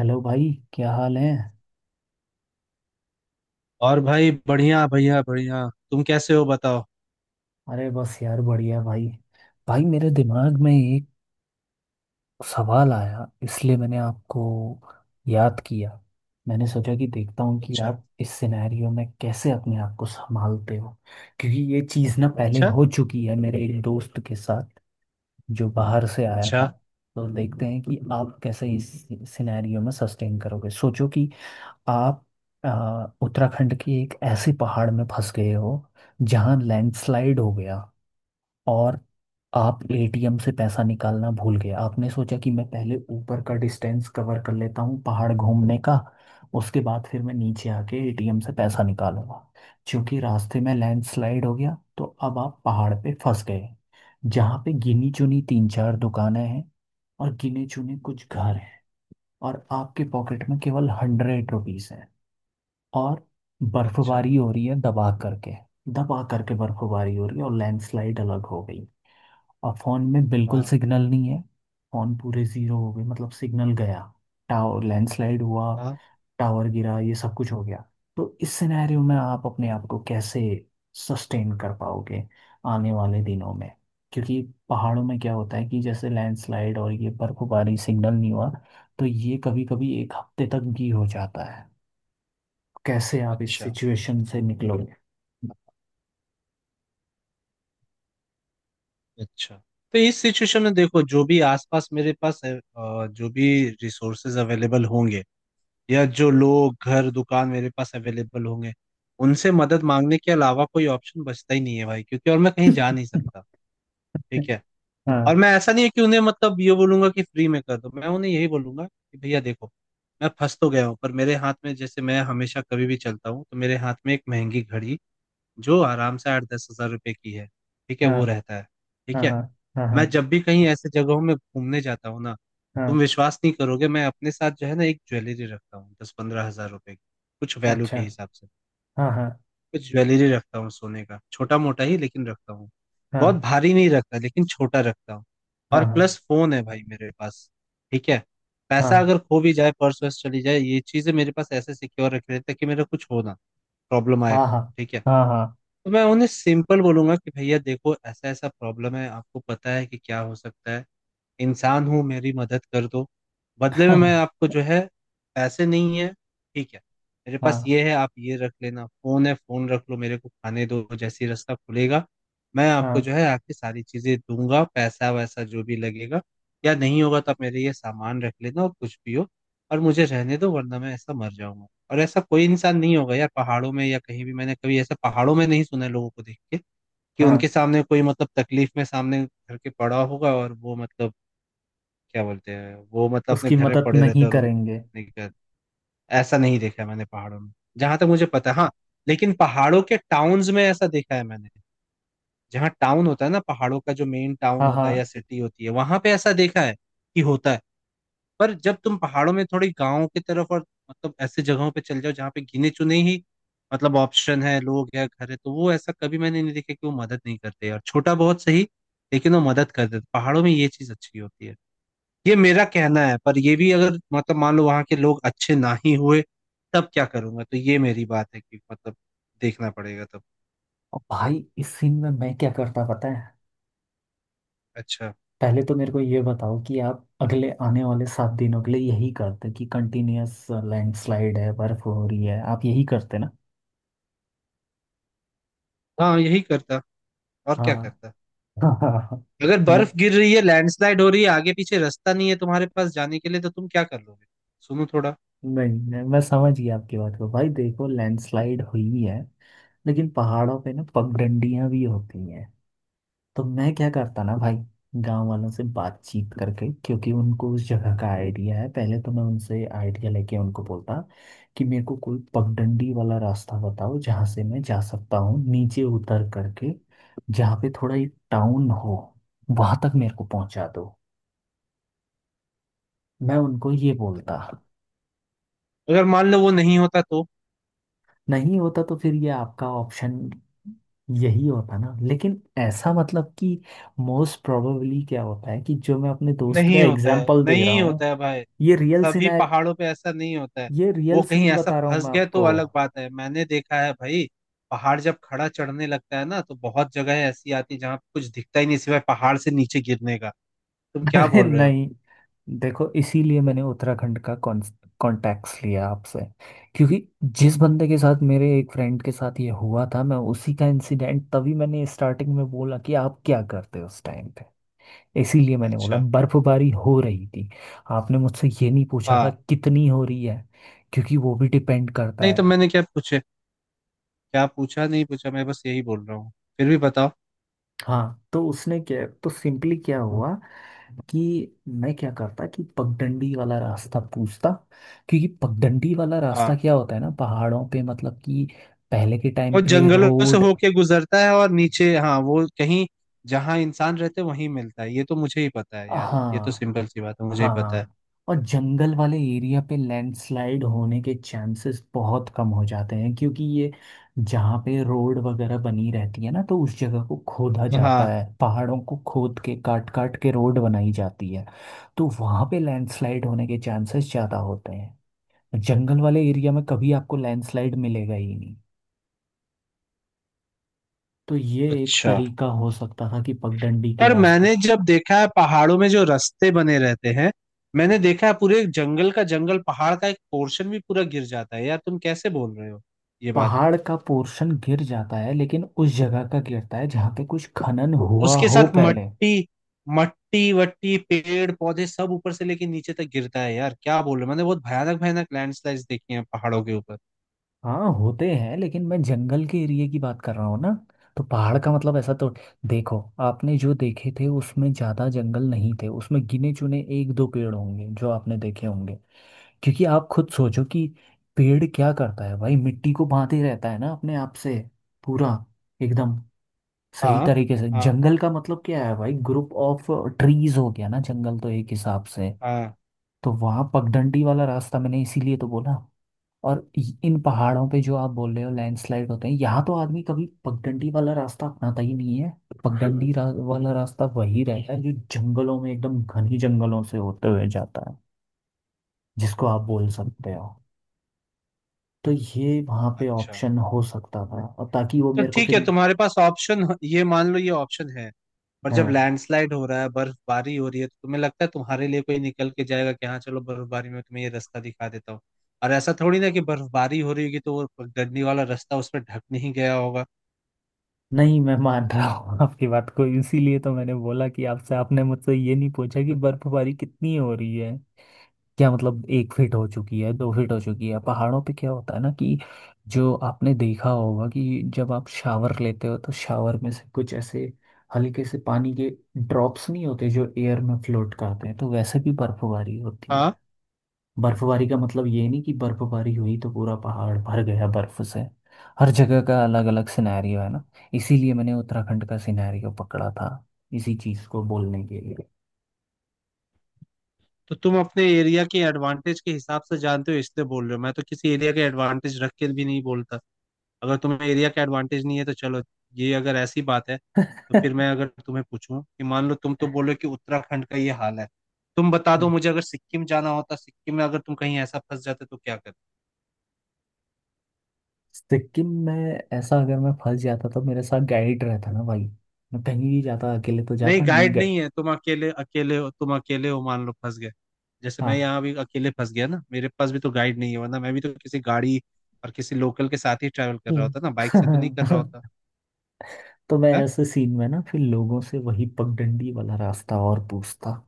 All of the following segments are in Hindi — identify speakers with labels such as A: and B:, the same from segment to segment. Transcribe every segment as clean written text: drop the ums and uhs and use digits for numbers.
A: हेलो भाई, क्या हाल है।
B: और भाई, बढ़िया बढ़िया बढ़िया। तुम कैसे हो, बताओ।
A: अरे बस यार, बढ़िया भाई। भाई मेरे दिमाग में एक सवाल आया, इसलिए मैंने आपको याद किया। मैंने सोचा कि देखता हूँ कि
B: अच्छा।
A: आप इस सिनेरियो में कैसे अपने आप को संभालते हो, क्योंकि ये चीज़ ना पहले
B: अच्छा।
A: हो चुकी है मेरे एक दोस्त के साथ जो बाहर से आया
B: अच्छा।
A: था। तो देखते हैं कि आप कैसे इस सिनेरियो में सस्टेन करोगे। सोचो कि आप उत्तराखंड की एक ऐसी पहाड़ में फंस गए हो जहां लैंडस्लाइड हो गया, और आप एटीएम से पैसा निकालना भूल गए। आपने सोचा कि मैं पहले ऊपर का डिस्टेंस कवर कर लेता हूँ पहाड़ घूमने का, उसके बाद फिर मैं नीचे आके एटीएम से पैसा निकालूंगा। क्योंकि रास्ते में लैंडस्लाइड हो गया तो अब आप पहाड़ पे फंस गए, जहाँ पे गिनी चुनी तीन चार दुकानें हैं और गिने चुने कुछ घर हैं। और आपके पॉकेट में केवल हंड्रेड रुपीज़ है। और
B: अच्छा।
A: बर्फबारी हो रही है दबा करके। दबा करके बर्फबारी हो रही है और लैंडस्लाइड अलग हो गई, और फोन में बिल्कुल
B: हाँ,
A: सिग्नल नहीं है। फोन पूरे जीरो हो गए, मतलब सिग्नल गया, टावर लैंडस्लाइड हुआ,
B: हाँ।
A: टावर गिरा, ये सब कुछ हो गया। तो इस सिनेरियो में आप अपने आप को कैसे सस्टेन कर पाओगे आने वाले दिनों में। क्योंकि पहाड़ों में क्या होता है कि जैसे लैंडस्लाइड और ये बर्फबारी, सिग्नल नहीं हुआ, तो ये कभी कभी एक हफ्ते तक भी हो जाता है। कैसे आप इस
B: अच्छा।
A: सिचुएशन से निकलोगे।
B: अच्छा। तो इस सिचुएशन में देखो, जो भी आसपास मेरे पास है, जो भी रिसोर्सेज अवेलेबल होंगे या जो लोग घर दुकान मेरे पास अवेलेबल होंगे, उनसे मदद मांगने के अलावा कोई ऑप्शन बचता ही नहीं है भाई, क्योंकि और मैं कहीं जा नहीं सकता। ठीक है। और
A: हाँ।
B: मैं, ऐसा नहीं है कि उन्हें मतलब ये बोलूंगा कि फ्री में कर दो। मैं उन्हें यही बोलूंगा कि भैया देखो, मैं फंस तो गया हूँ, पर मेरे हाथ में, जैसे मैं हमेशा कभी भी चलता हूँ तो मेरे हाथ में एक महंगी घड़ी जो आराम से 8-10 हजार रुपए की है, ठीक है,
A: हाँ।
B: वो रहता है।
A: हाँ
B: ठीक है।
A: हाँ। हाँ
B: मैं
A: हाँ।
B: जब भी कहीं ऐसे जगहों में घूमने जाता हूँ ना,
A: हाँ,
B: तुम विश्वास नहीं करोगे, मैं अपने साथ जो है ना एक ज्वेलरी रखता हूँ 10-15 हजार रुपए की, कुछ वैल्यू
A: अच्छा।
B: के हिसाब से।
A: हाँ हाँ
B: कुछ ज्वेलरी रखता हूँ सोने का, छोटा मोटा ही लेकिन रखता हूँ। बहुत
A: हाँ
B: भारी नहीं रखता लेकिन छोटा रखता हूँ।
A: हाँ
B: और
A: हाँ।
B: प्लस फोन है भाई मेरे पास। ठीक है।
A: हाँ।
B: पैसा अगर खो भी जाए, पर्स वर्स चली जाए, ये चीजें मेरे पास ऐसे सिक्योर रख रहे ताकि मेरा कुछ हो ना, प्रॉब्लम आए
A: हाँ
B: तो।
A: हाँ।
B: ठीक है।
A: हाँ।
B: तो मैं उन्हें सिंपल बोलूंगा कि भैया देखो, ऐसा ऐसा प्रॉब्लम है, आपको पता है कि क्या हो सकता है, इंसान हूँ, मेरी मदद कर दो। बदले में मैं आपको जो है, पैसे नहीं है, ठीक है, मेरे
A: हाँ।
B: पास
A: हाँ
B: ये है, आप ये रख लेना, फोन है, फोन रख लो, मेरे को खाने दो, जैसे ही रास्ता खुलेगा मैं आपको
A: हाँ।
B: जो है आपकी सारी चीजें दूंगा, पैसा वैसा जो भी लगेगा। या नहीं होगा तो आप मेरे ये सामान रख लेना और कुछ भी हो, और मुझे रहने दो, वरना मैं ऐसा मर जाऊंगा। और ऐसा कोई इंसान नहीं होगा यार पहाड़ों में, या कहीं भी मैंने कभी ऐसा पहाड़ों में नहीं सुना है, लोगों को देख के कि
A: हाँ,
B: उनके सामने कोई मतलब तकलीफ में सामने घर के पड़ा होगा और वो मतलब क्या बोलते हैं, वो मतलब अपने
A: उसकी
B: घर में
A: मदद
B: पड़े रहते
A: नहीं
B: हैं और उन
A: करेंगे।
B: नहीं कर। ऐसा नहीं देखा है मैंने पहाड़ों में, जहां तक मुझे पता है, हाँ। लेकिन पहाड़ों के टाउन्स में ऐसा देखा है मैंने। जहाँ टाउन होता है ना पहाड़ों का, जो मेन टाउन
A: हाँ
B: होता है या
A: हाँ।
B: सिटी होती है, वहां पे ऐसा देखा है कि होता है। पर जब तुम पहाड़ों में थोड़ी गाँव की तरफ और मतलब ऐसे जगहों पे चल जाओ जहाँ पे गिने चुने ही मतलब ऑप्शन है, लोग है, घर है, तो वो ऐसा कभी मैंने नहीं देखा कि वो मदद नहीं करते, और छोटा बहुत सही, लेकिन वो मदद कर देते। पहाड़ों में ये चीज अच्छी होती है, ये मेरा कहना है। पर ये भी अगर मतलब मान लो वहां के लोग अच्छे ना ही हुए, तब क्या करूंगा, तो ये मेरी बात है कि मतलब देखना पड़ेगा तब।
A: और भाई, इस सीन में मैं क्या करता पता है।
B: अच्छा।
A: पहले तो मेरे को ये बताओ कि आप अगले आने वाले सात दिनों के लिए यही करते कि कंटिन्यूअस लैंडस्लाइड है, बर्फ हो रही है, आप यही करते ना।
B: हाँ यही करता, और
A: हाँ।
B: क्या करता।
A: हाँ हाँ हाँ।
B: अगर बर्फ गिर रही है, लैंडस्लाइड हो रही है, आगे पीछे रास्ता नहीं है तुम्हारे पास जाने के लिए, तो तुम क्या कर लोगे। सुनो थोड़ा।
A: नहीं नहीं, मैं समझ गया आपकी बात को। भाई देखो, लैंडस्लाइड हुई है लेकिन पहाड़ों पे ना पगडंडियां भी होती हैं। तो मैं क्या करता ना भाई, गांव वालों से बातचीत करके, क्योंकि उनको उस जगह का आइडिया है। पहले तो मैं उनसे आइडिया लेके उनको बोलता कि मेरे को कोई पगडंडी वाला रास्ता बताओ जहाँ से मैं जा सकता हूँ नीचे उतर करके, जहाँ पे थोड़ा एक टाउन हो, वहां तक मेरे को पहुंचा दो। मैं उनको ये बोलता।
B: अगर मान लो वो नहीं होता तो?
A: नहीं होता तो फिर ये आपका ऑप्शन यही होता ना। लेकिन ऐसा मतलब कि मोस्ट प्रोबेबली क्या होता है, कि जो मैं अपने दोस्त का
B: नहीं होता है,
A: एग्जाम्पल दे रहा
B: नहीं
A: हूँ,
B: होता है भाई।
A: ये रियल
B: सभी
A: सिनार
B: पहाड़ों पे ऐसा नहीं होता है।
A: ये रियल
B: वो कहीं
A: सीन
B: ऐसा
A: बता रहा हूँ
B: फंस
A: मैं
B: गए तो
A: आपको।
B: अलग बात है। मैंने देखा है भाई, पहाड़ जब खड़ा चढ़ने लगता है ना तो बहुत जगह ऐसी आती है जहाँ कुछ दिखता ही नहीं सिवाय पहाड़ से नीचे गिरने का। तुम क्या
A: अरे
B: बोल रहे हो।
A: नहीं, देखो इसीलिए मैंने उत्तराखंड का कॉन्टैक्ट्स लिया आपसे, क्योंकि जिस बंदे के साथ, मेरे एक फ्रेंड के साथ ये हुआ था, मैं उसी का इंसिडेंट, तभी मैंने स्टार्टिंग में बोला कि आप क्या करते उस टाइम। इसीलिए मैंने बोला
B: अच्छा।
A: बर्फबारी हो रही थी। आपने मुझसे ये नहीं पूछा था
B: हाँ।
A: कितनी हो रही है, क्योंकि वो भी डिपेंड करता
B: नहीं तो
A: है।
B: मैंने क्या पूछे, क्या पूछा नहीं पूछा, मैं बस यही बोल रहा हूँ। फिर भी बताओ।
A: हाँ, तो उसने क्या तो सिंपली क्या हुआ कि मैं क्या करता कि पगडंडी वाला रास्ता पूछता। क्योंकि पगडंडी वाला रास्ता
B: हाँ,
A: क्या होता है ना पहाड़ों पे, मतलब कि पहले के टाइम
B: वो
A: पे
B: जंगलों से
A: रोड।
B: होके गुजरता है और नीचे, हाँ वो कहीं जहाँ इंसान रहते वहीं मिलता है, ये तो मुझे ही पता है यार, ये तो
A: हाँ।
B: सिंपल सी बात है, मुझे ही पता है।
A: हाँ। और जंगल वाले एरिया पे लैंडस्लाइड होने के चांसेस बहुत कम हो जाते हैं, क्योंकि ये जहाँ पे रोड वगैरह बनी रहती है ना, तो उस जगह को खोदा जाता
B: हाँ।
A: है, पहाड़ों को खोद के काट काट के रोड बनाई जाती है, तो वहाँ पे लैंडस्लाइड होने के चांसेस ज़्यादा होते हैं। जंगल वाले एरिया में कभी आपको लैंडस्लाइड मिलेगा ही नहीं। तो ये एक
B: अच्छा,
A: तरीका हो सकता था कि पगडंडी के
B: पर
A: रास्ते।
B: मैंने जब देखा है पहाड़ों में जो रास्ते बने रहते हैं, मैंने देखा है, पूरे जंगल का जंगल, पहाड़ का एक पोर्शन भी पूरा गिर जाता है यार, तुम कैसे बोल रहे हो ये बात।
A: पहाड़ का पोर्शन गिर जाता है, लेकिन उस जगह का गिरता है जहाँ पे कुछ खनन हुआ
B: उसके
A: हो
B: साथ
A: पहले।
B: मट्टी, मट्टी वट्टी पेड़ पौधे सब ऊपर से लेके नीचे तक गिरता है यार, क्या बोल रहे हो, मैंने बहुत भयानक भयानक लैंडस्लाइड्स देखी हैं पहाड़ों के ऊपर।
A: हाँ होते हैं, लेकिन मैं जंगल के एरिया की बात कर रहा हूँ ना। तो पहाड़ का मतलब ऐसा तो, देखो आपने जो देखे थे उसमें ज़्यादा जंगल नहीं थे, उसमें गिने चुने एक दो पेड़ होंगे जो आपने देखे होंगे। क्योंकि आप खुद सोचो कि पेड़ क्या करता है भाई, मिट्टी को बांधे रहता है ना अपने आप से, पूरा एकदम सही
B: हाँ,
A: तरीके से।
B: हाँ,
A: जंगल का मतलब क्या है भाई, ग्रुप ऑफ ट्रीज हो गया ना जंगल, तो एक हिसाब से।
B: हाँ।
A: तो वहां पगडंडी वाला रास्ता मैंने इसीलिए तो बोला। और इन पहाड़ों पे जो आप बोल रहे हो लैंडस्लाइड होते हैं, यहाँ तो आदमी कभी पगडंडी वाला रास्ता अपनाता ही नहीं है। वाला रास्ता वही रहता है जो जंगलों में एकदम घनी जंगलों से होते हुए जाता है, जिसको आप बोल सकते हो। तो ये वहां पे
B: अच्छा
A: ऑप्शन हो सकता था, और ताकि वो
B: तो
A: मेरे को
B: ठीक
A: फिर।
B: है, तुम्हारे पास ऑप्शन ये, मान लो ये ऑप्शन है, और जब
A: हाँ।
B: लैंडस्लाइड हो रहा है, बर्फबारी हो रही है, तो तुम्हें लगता है तुम्हारे लिए कोई निकल के जाएगा कि हाँ चलो बर्फबारी में तुम्हें ये रास्ता दिखा देता हूँ? और ऐसा थोड़ी ना कि बर्फबारी हो रही होगी तो वो गड्डी वाला रास्ता उस पर ढक नहीं गया होगा।
A: नहीं मैं मान रहा हूँ आपकी बात को, इसीलिए तो मैंने बोला कि आपसे, आपने मुझसे ये नहीं पूछा कि बर्फबारी कितनी हो रही है, क्या मतलब एक फीट हो चुकी है, दो फीट हो चुकी है। पहाड़ों पे क्या होता है ना कि जो आपने देखा होगा कि जब आप शावर लेते हो तो शावर में से कुछ ऐसे हल्के से पानी के ड्रॉप्स नहीं होते जो एयर में फ्लोट करते हैं, तो वैसे भी बर्फबारी होती है। बर्फबारी का मतलब ये नहीं कि बर्फबारी हुई तो पूरा पहाड़ भर गया बर्फ से। हर जगह का अलग अलग सिनेरियो है ना, इसीलिए मैंने उत्तराखंड का सिनेरियो पकड़ा था इसी चीज को बोलने के लिए।
B: तो तुम अपने एरिया के एडवांटेज के हिसाब से जानते हो इसलिए बोल रहे हो, मैं तो किसी एरिया के एडवांटेज रख के भी नहीं बोलता। अगर तुम्हें एरिया का एडवांटेज नहीं है तो चलो, ये अगर ऐसी बात है तो फिर मैं अगर तुम्हें पूछूं कि मान लो, तुम तो बोलो कि उत्तराखंड का ये हाल है, तुम बता दो मुझे अगर सिक्किम जाना होता, सिक्किम में अगर तुम कहीं ऐसा फंस जाते तो क्या करते।
A: सिक्किम में ऐसा अगर मैं फंस जाता तो मेरे साथ गाइड रहता ना भाई। मैं कहीं भी जाता अकेले तो
B: नहीं,
A: जाता नहीं
B: गाइड
A: गए।
B: नहीं है, तुम अकेले, अकेले हो, तुम अकेले हो, मान लो फंस गए। जैसे
A: हाँ।
B: मैं यहाँ भी अकेले फंस गया ना, मेरे पास भी तो गाइड नहीं है, वरना मैं भी तो किसी गाड़ी और किसी लोकल के साथ ही ट्रैवल कर रहा
A: हम्म।
B: होता ना, बाइक से तो नहीं कर रहा होता।
A: तो मैं
B: है?
A: ऐसे सीन में ना फिर लोगों से वही पगडंडी वाला रास्ता और पूछता।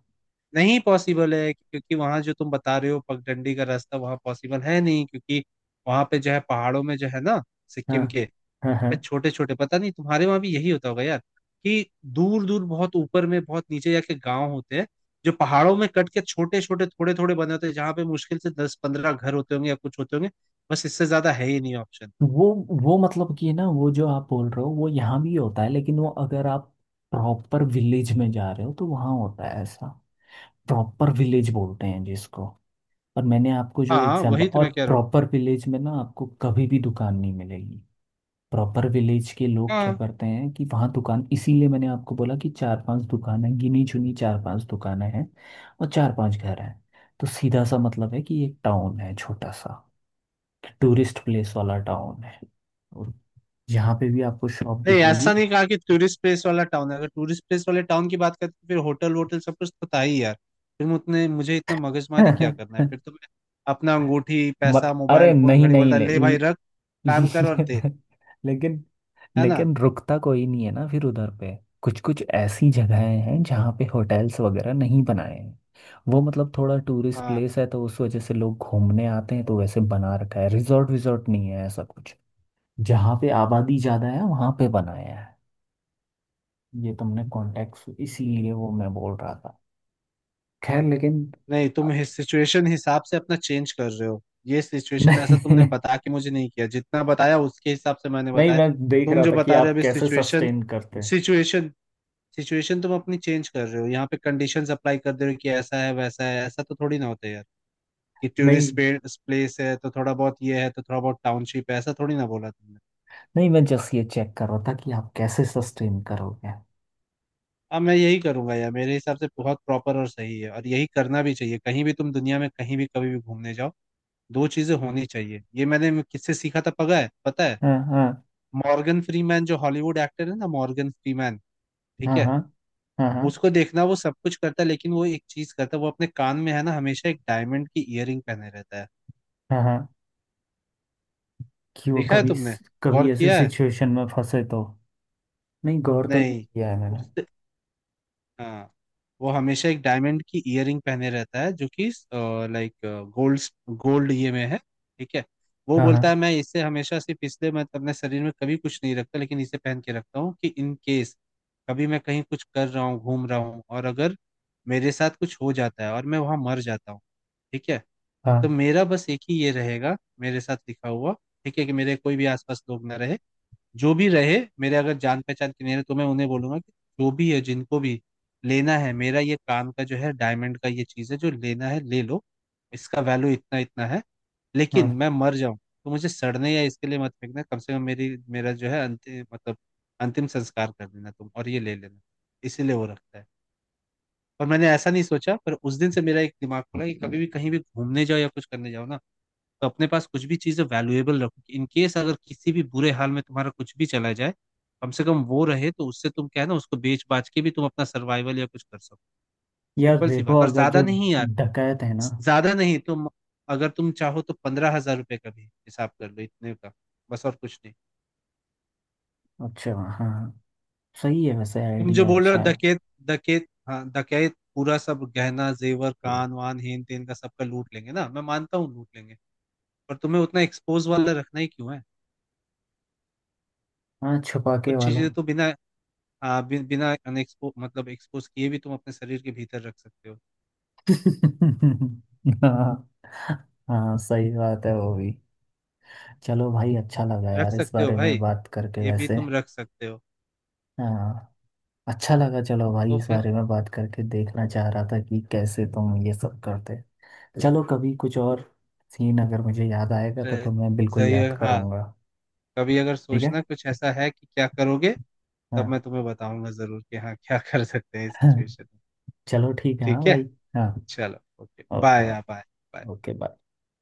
B: नहीं पॉसिबल है, क्योंकि वहां जो तुम बता रहे हो पगडंडी का रास्ता, वहां पॉसिबल है नहीं, क्योंकि वहां पे जो है पहाड़ों में जो है ना,
A: हाँ
B: सिक्किम के,
A: हाँ
B: वहां पे
A: हाँ।
B: छोटे छोटे, पता नहीं तुम्हारे वहां भी यही होता होगा यार, कि दूर दूर, बहुत ऊपर में बहुत नीचे जाके गांव होते हैं जो पहाड़ों में कट के छोटे छोटे थोड़े थोड़े बने होते हैं जहाँ पे मुश्किल से 10-15 घर होते होंगे या कुछ होते होंगे, बस, इससे ज्यादा है ही नहीं ऑप्शन।
A: वो वो मतलब कि ना, वो जो आप बोल रहे हो वो यहाँ भी होता है, लेकिन वो अगर आप प्रॉपर विलेज में जा रहे हो तो वहाँ होता है ऐसा। प्रॉपर विलेज बोलते हैं जिसको। और मैंने आपको जो
B: हाँ
A: एग्जांपल,
B: वही तो
A: और
B: मैं कह रहा हूँ।
A: प्रॉपर विलेज में ना आपको कभी भी दुकान नहीं मिलेगी। प्रॉपर विलेज के लोग क्या
B: हाँ
A: करते हैं कि वहाँ दुकान, इसीलिए मैंने आपको बोला कि चार पांच दुकान है, गिनी चुनी चार पांच दुकानें हैं और चार पांच घर हैं। तो सीधा सा मतलब है कि एक टाउन है छोटा सा, टूरिस्ट प्लेस वाला टाउन है, और यहाँ पे भी आपको शॉप
B: नहीं,
A: दिखेगी।
B: ऐसा नहीं कहा कि टूरिस्ट प्लेस वाला टाउन है, अगर टूरिस्ट प्लेस वाले टाउन की बात करते फिर होटल वोटल सब कुछ तो था ही यार, फिर मैं उतने, मुझे इतना मगजमारी क्या करना है, फिर तो मैं अपना अंगूठी
A: मत,
B: पैसा
A: अरे
B: मोबाइल फोन
A: नहीं
B: घड़ी
A: नहीं,
B: बोलता,
A: ले,
B: ले भाई
A: ले,
B: रख, काम कर और दे।
A: लेकिन,
B: है ना?
A: लेकिन रुकता कोई नहीं है ना फिर उधर पे। कुछ कुछ ऐसी जगहें हैं जहाँ पे होटल्स वगैरह नहीं बनाए हैं। वो मतलब थोड़ा टूरिस्ट
B: हाँ
A: प्लेस है तो उस वजह से लोग घूमने आते हैं, तो वैसे बना रखा है, रिजॉर्ट विजॉर्ट नहीं है ऐसा कुछ। जहाँ पे आबादी ज़्यादा है वहाँ पे बनाया है। ये तुमने कॉन्टेक्स्ट, इसीलिए वो मैं बोल रहा था। खैर लेकिन,
B: नहीं, तुम सिचुएशन हिसाब से अपना चेंज कर रहे हो, ये सिचुएशन
A: नहीं,
B: ऐसा तुमने बता के मुझे नहीं किया, जितना बताया उसके हिसाब से मैंने
A: नहीं
B: बताया।
A: मैं देख
B: तुम
A: रहा
B: जो
A: था कि
B: बता रहे हो
A: आप
B: अभी,
A: कैसे
B: सिचुएशन
A: सस्टेन करते हैं।
B: सिचुएशन सिचुएशन, तुम अपनी चेंज कर रहे हो, यहाँ पे कंडीशंस अप्लाई कर दे रहे हो कि ऐसा है वैसा है, ऐसा तो थोड़ी ना होता है यार, कि टूरिस्ट
A: नहीं,
B: प्लेस है तो थोड़ा बहुत ये है, तो थोड़ा बहुत टाउनशिप है, ऐसा थोड़ी ना बोला तुमने।
A: नहीं मैं जस्ट ये चेक कर रहा था कि आप कैसे सस्टेन करोगे।
B: अब मैं यही करूंगा यार, मेरे हिसाब से बहुत प्रॉपर और सही है, और यही करना भी चाहिए। कहीं भी तुम दुनिया में कहीं भी कभी भी घूमने जाओ, दो चीजें होनी चाहिए। ये मैंने किससे सीखा था पता है, पता है,
A: हाँ हाँ।
B: मॉर्गन फ्रीमैन, जो हॉलीवुड एक्टर है ना, मॉर्गन फ्रीमैन। ठीक
A: हाँ
B: है।
A: हाँ। हाँ हाँ।
B: उसको देखना, वो सब कुछ करता है, लेकिन वो एक चीज करता है, वो अपने कान में है ना हमेशा एक डायमंड की इयररिंग पहने रहता है।
A: हाँ हाँ। कि वो
B: देखा है
A: कभी,
B: तुमने, गौर
A: कभी ऐसी
B: किया है?
A: सिचुएशन में फंसे तो। नहीं गौर तो नहीं
B: नहीं।
A: किया है मैंने।
B: उससे, हाँ, वो हमेशा एक डायमंड की इयररिंग पहने रहता है, जो कि लाइक गोल्ड, गोल्ड ये में है, ठीक है। वो
A: हाँ
B: बोलता है
A: हाँ।
B: मैं इसे हमेशा, सिर्फ इसलिए, मैं अपने शरीर में कभी कुछ नहीं रखता लेकिन इसे पहन के रखता हूँ कि इन केस कभी मैं कहीं कुछ कर रहा हूँ, घूम रहा हूँ, और अगर मेरे साथ कुछ हो जाता है और मैं वहां मर जाता हूँ, ठीक है, तो
A: हाँ
B: मेरा बस एक ही ये रहेगा, मेरे साथ लिखा हुआ। ठीक है, कि मेरे कोई भी आसपास लोग ना रहे, जो भी रहे मेरे, अगर जान पहचान के नहीं रहे, तो मैं उन्हें बोलूंगा कि जो भी है जिनको भी लेना है मेरा, ये काम का जो है डायमंड का ये चीज है, जो लेना है ले लो, इसका वैल्यू इतना इतना है,
A: हाँ।
B: लेकिन मैं मर जाऊं तो मुझे सड़ने या इसके लिए मत फेंकना, कम से कम मेरी, मेरा जो है अंतिम मतलब अंतिम संस्कार कर देना तुम, और ये ले लेना, इसीलिए वो रखता है। और मैंने ऐसा नहीं सोचा, पर उस दिन से मेरा एक दिमाग खुला कि कभी भी कहीं भी घूमने जाओ या कुछ करने जाओ ना, तो अपने पास कुछ भी चीज़ें वैल्यूएबल रखो, इन केस अगर किसी भी बुरे हाल में तुम्हारा कुछ भी चला जाए, कम से कम वो रहे तो उससे तुम क्या है ना, उसको बेच बाच के भी तुम अपना सर्वाइवल या कुछ कर सको।
A: यार
B: सिंपल सी
A: देखो
B: बात, और
A: अगर जो
B: ज्यादा नहीं यार,
A: डकैत है ना।
B: ज्यादा नहीं। तुम, अगर तुम चाहो तो 15 हजार रुपये का भी हिसाब कर लो इतने का, बस, और कुछ नहीं।
A: अच्छा हाँ हाँ, सही है वैसे,
B: तुम जो
A: आइडिया
B: बोल रहे हो,
A: अच्छा है।
B: डकैत, डकैत, हाँ डकैत पूरा सब गहना जेवर कान वान हेन तेन का सबका लूट लेंगे ना, मैं मानता हूँ लूट लेंगे, पर तुम्हें उतना एक्सपोज वाला रखना ही क्यों है,
A: हाँ, छुपा के
B: कुछ
A: वाला।
B: चीजें तो बिना बिना अनएक्सपो मतलब एक्सपोज किए भी तुम अपने शरीर के भीतर रख सकते हो।
A: हाँ, हाँ सही बात है वो भी। चलो भाई अच्छा लगा
B: रख
A: यार इस
B: सकते हो
A: बारे में
B: भाई,
A: बात करके
B: ये भी
A: वैसे।
B: तुम रख सकते हो।
A: हाँ, अच्छा लगा। चलो भाई
B: तो
A: इस
B: फिर
A: बारे में बात करके देखना चाह रहा था कि कैसे तुम ये सब करते। चलो कभी कुछ और सीन अगर मुझे याद आएगा तो
B: अ,
A: मैं बिल्कुल
B: जाइए
A: याद
B: हाँ।
A: करूँगा।
B: कभी अगर
A: ठीक है।
B: सोचना कुछ ऐसा है कि क्या करोगे, तब
A: हाँ।
B: मैं तुम्हें बताऊंगा जरूर कि हाँ क्या कर सकते हैं इस सिचुएशन में।
A: चलो ठीक है, हाँ
B: ठीक है।
A: भाई। हाँ।
B: चलो ओके
A: ओ-
B: बाय,
A: ओ-
B: या बाय।
A: Okay bye.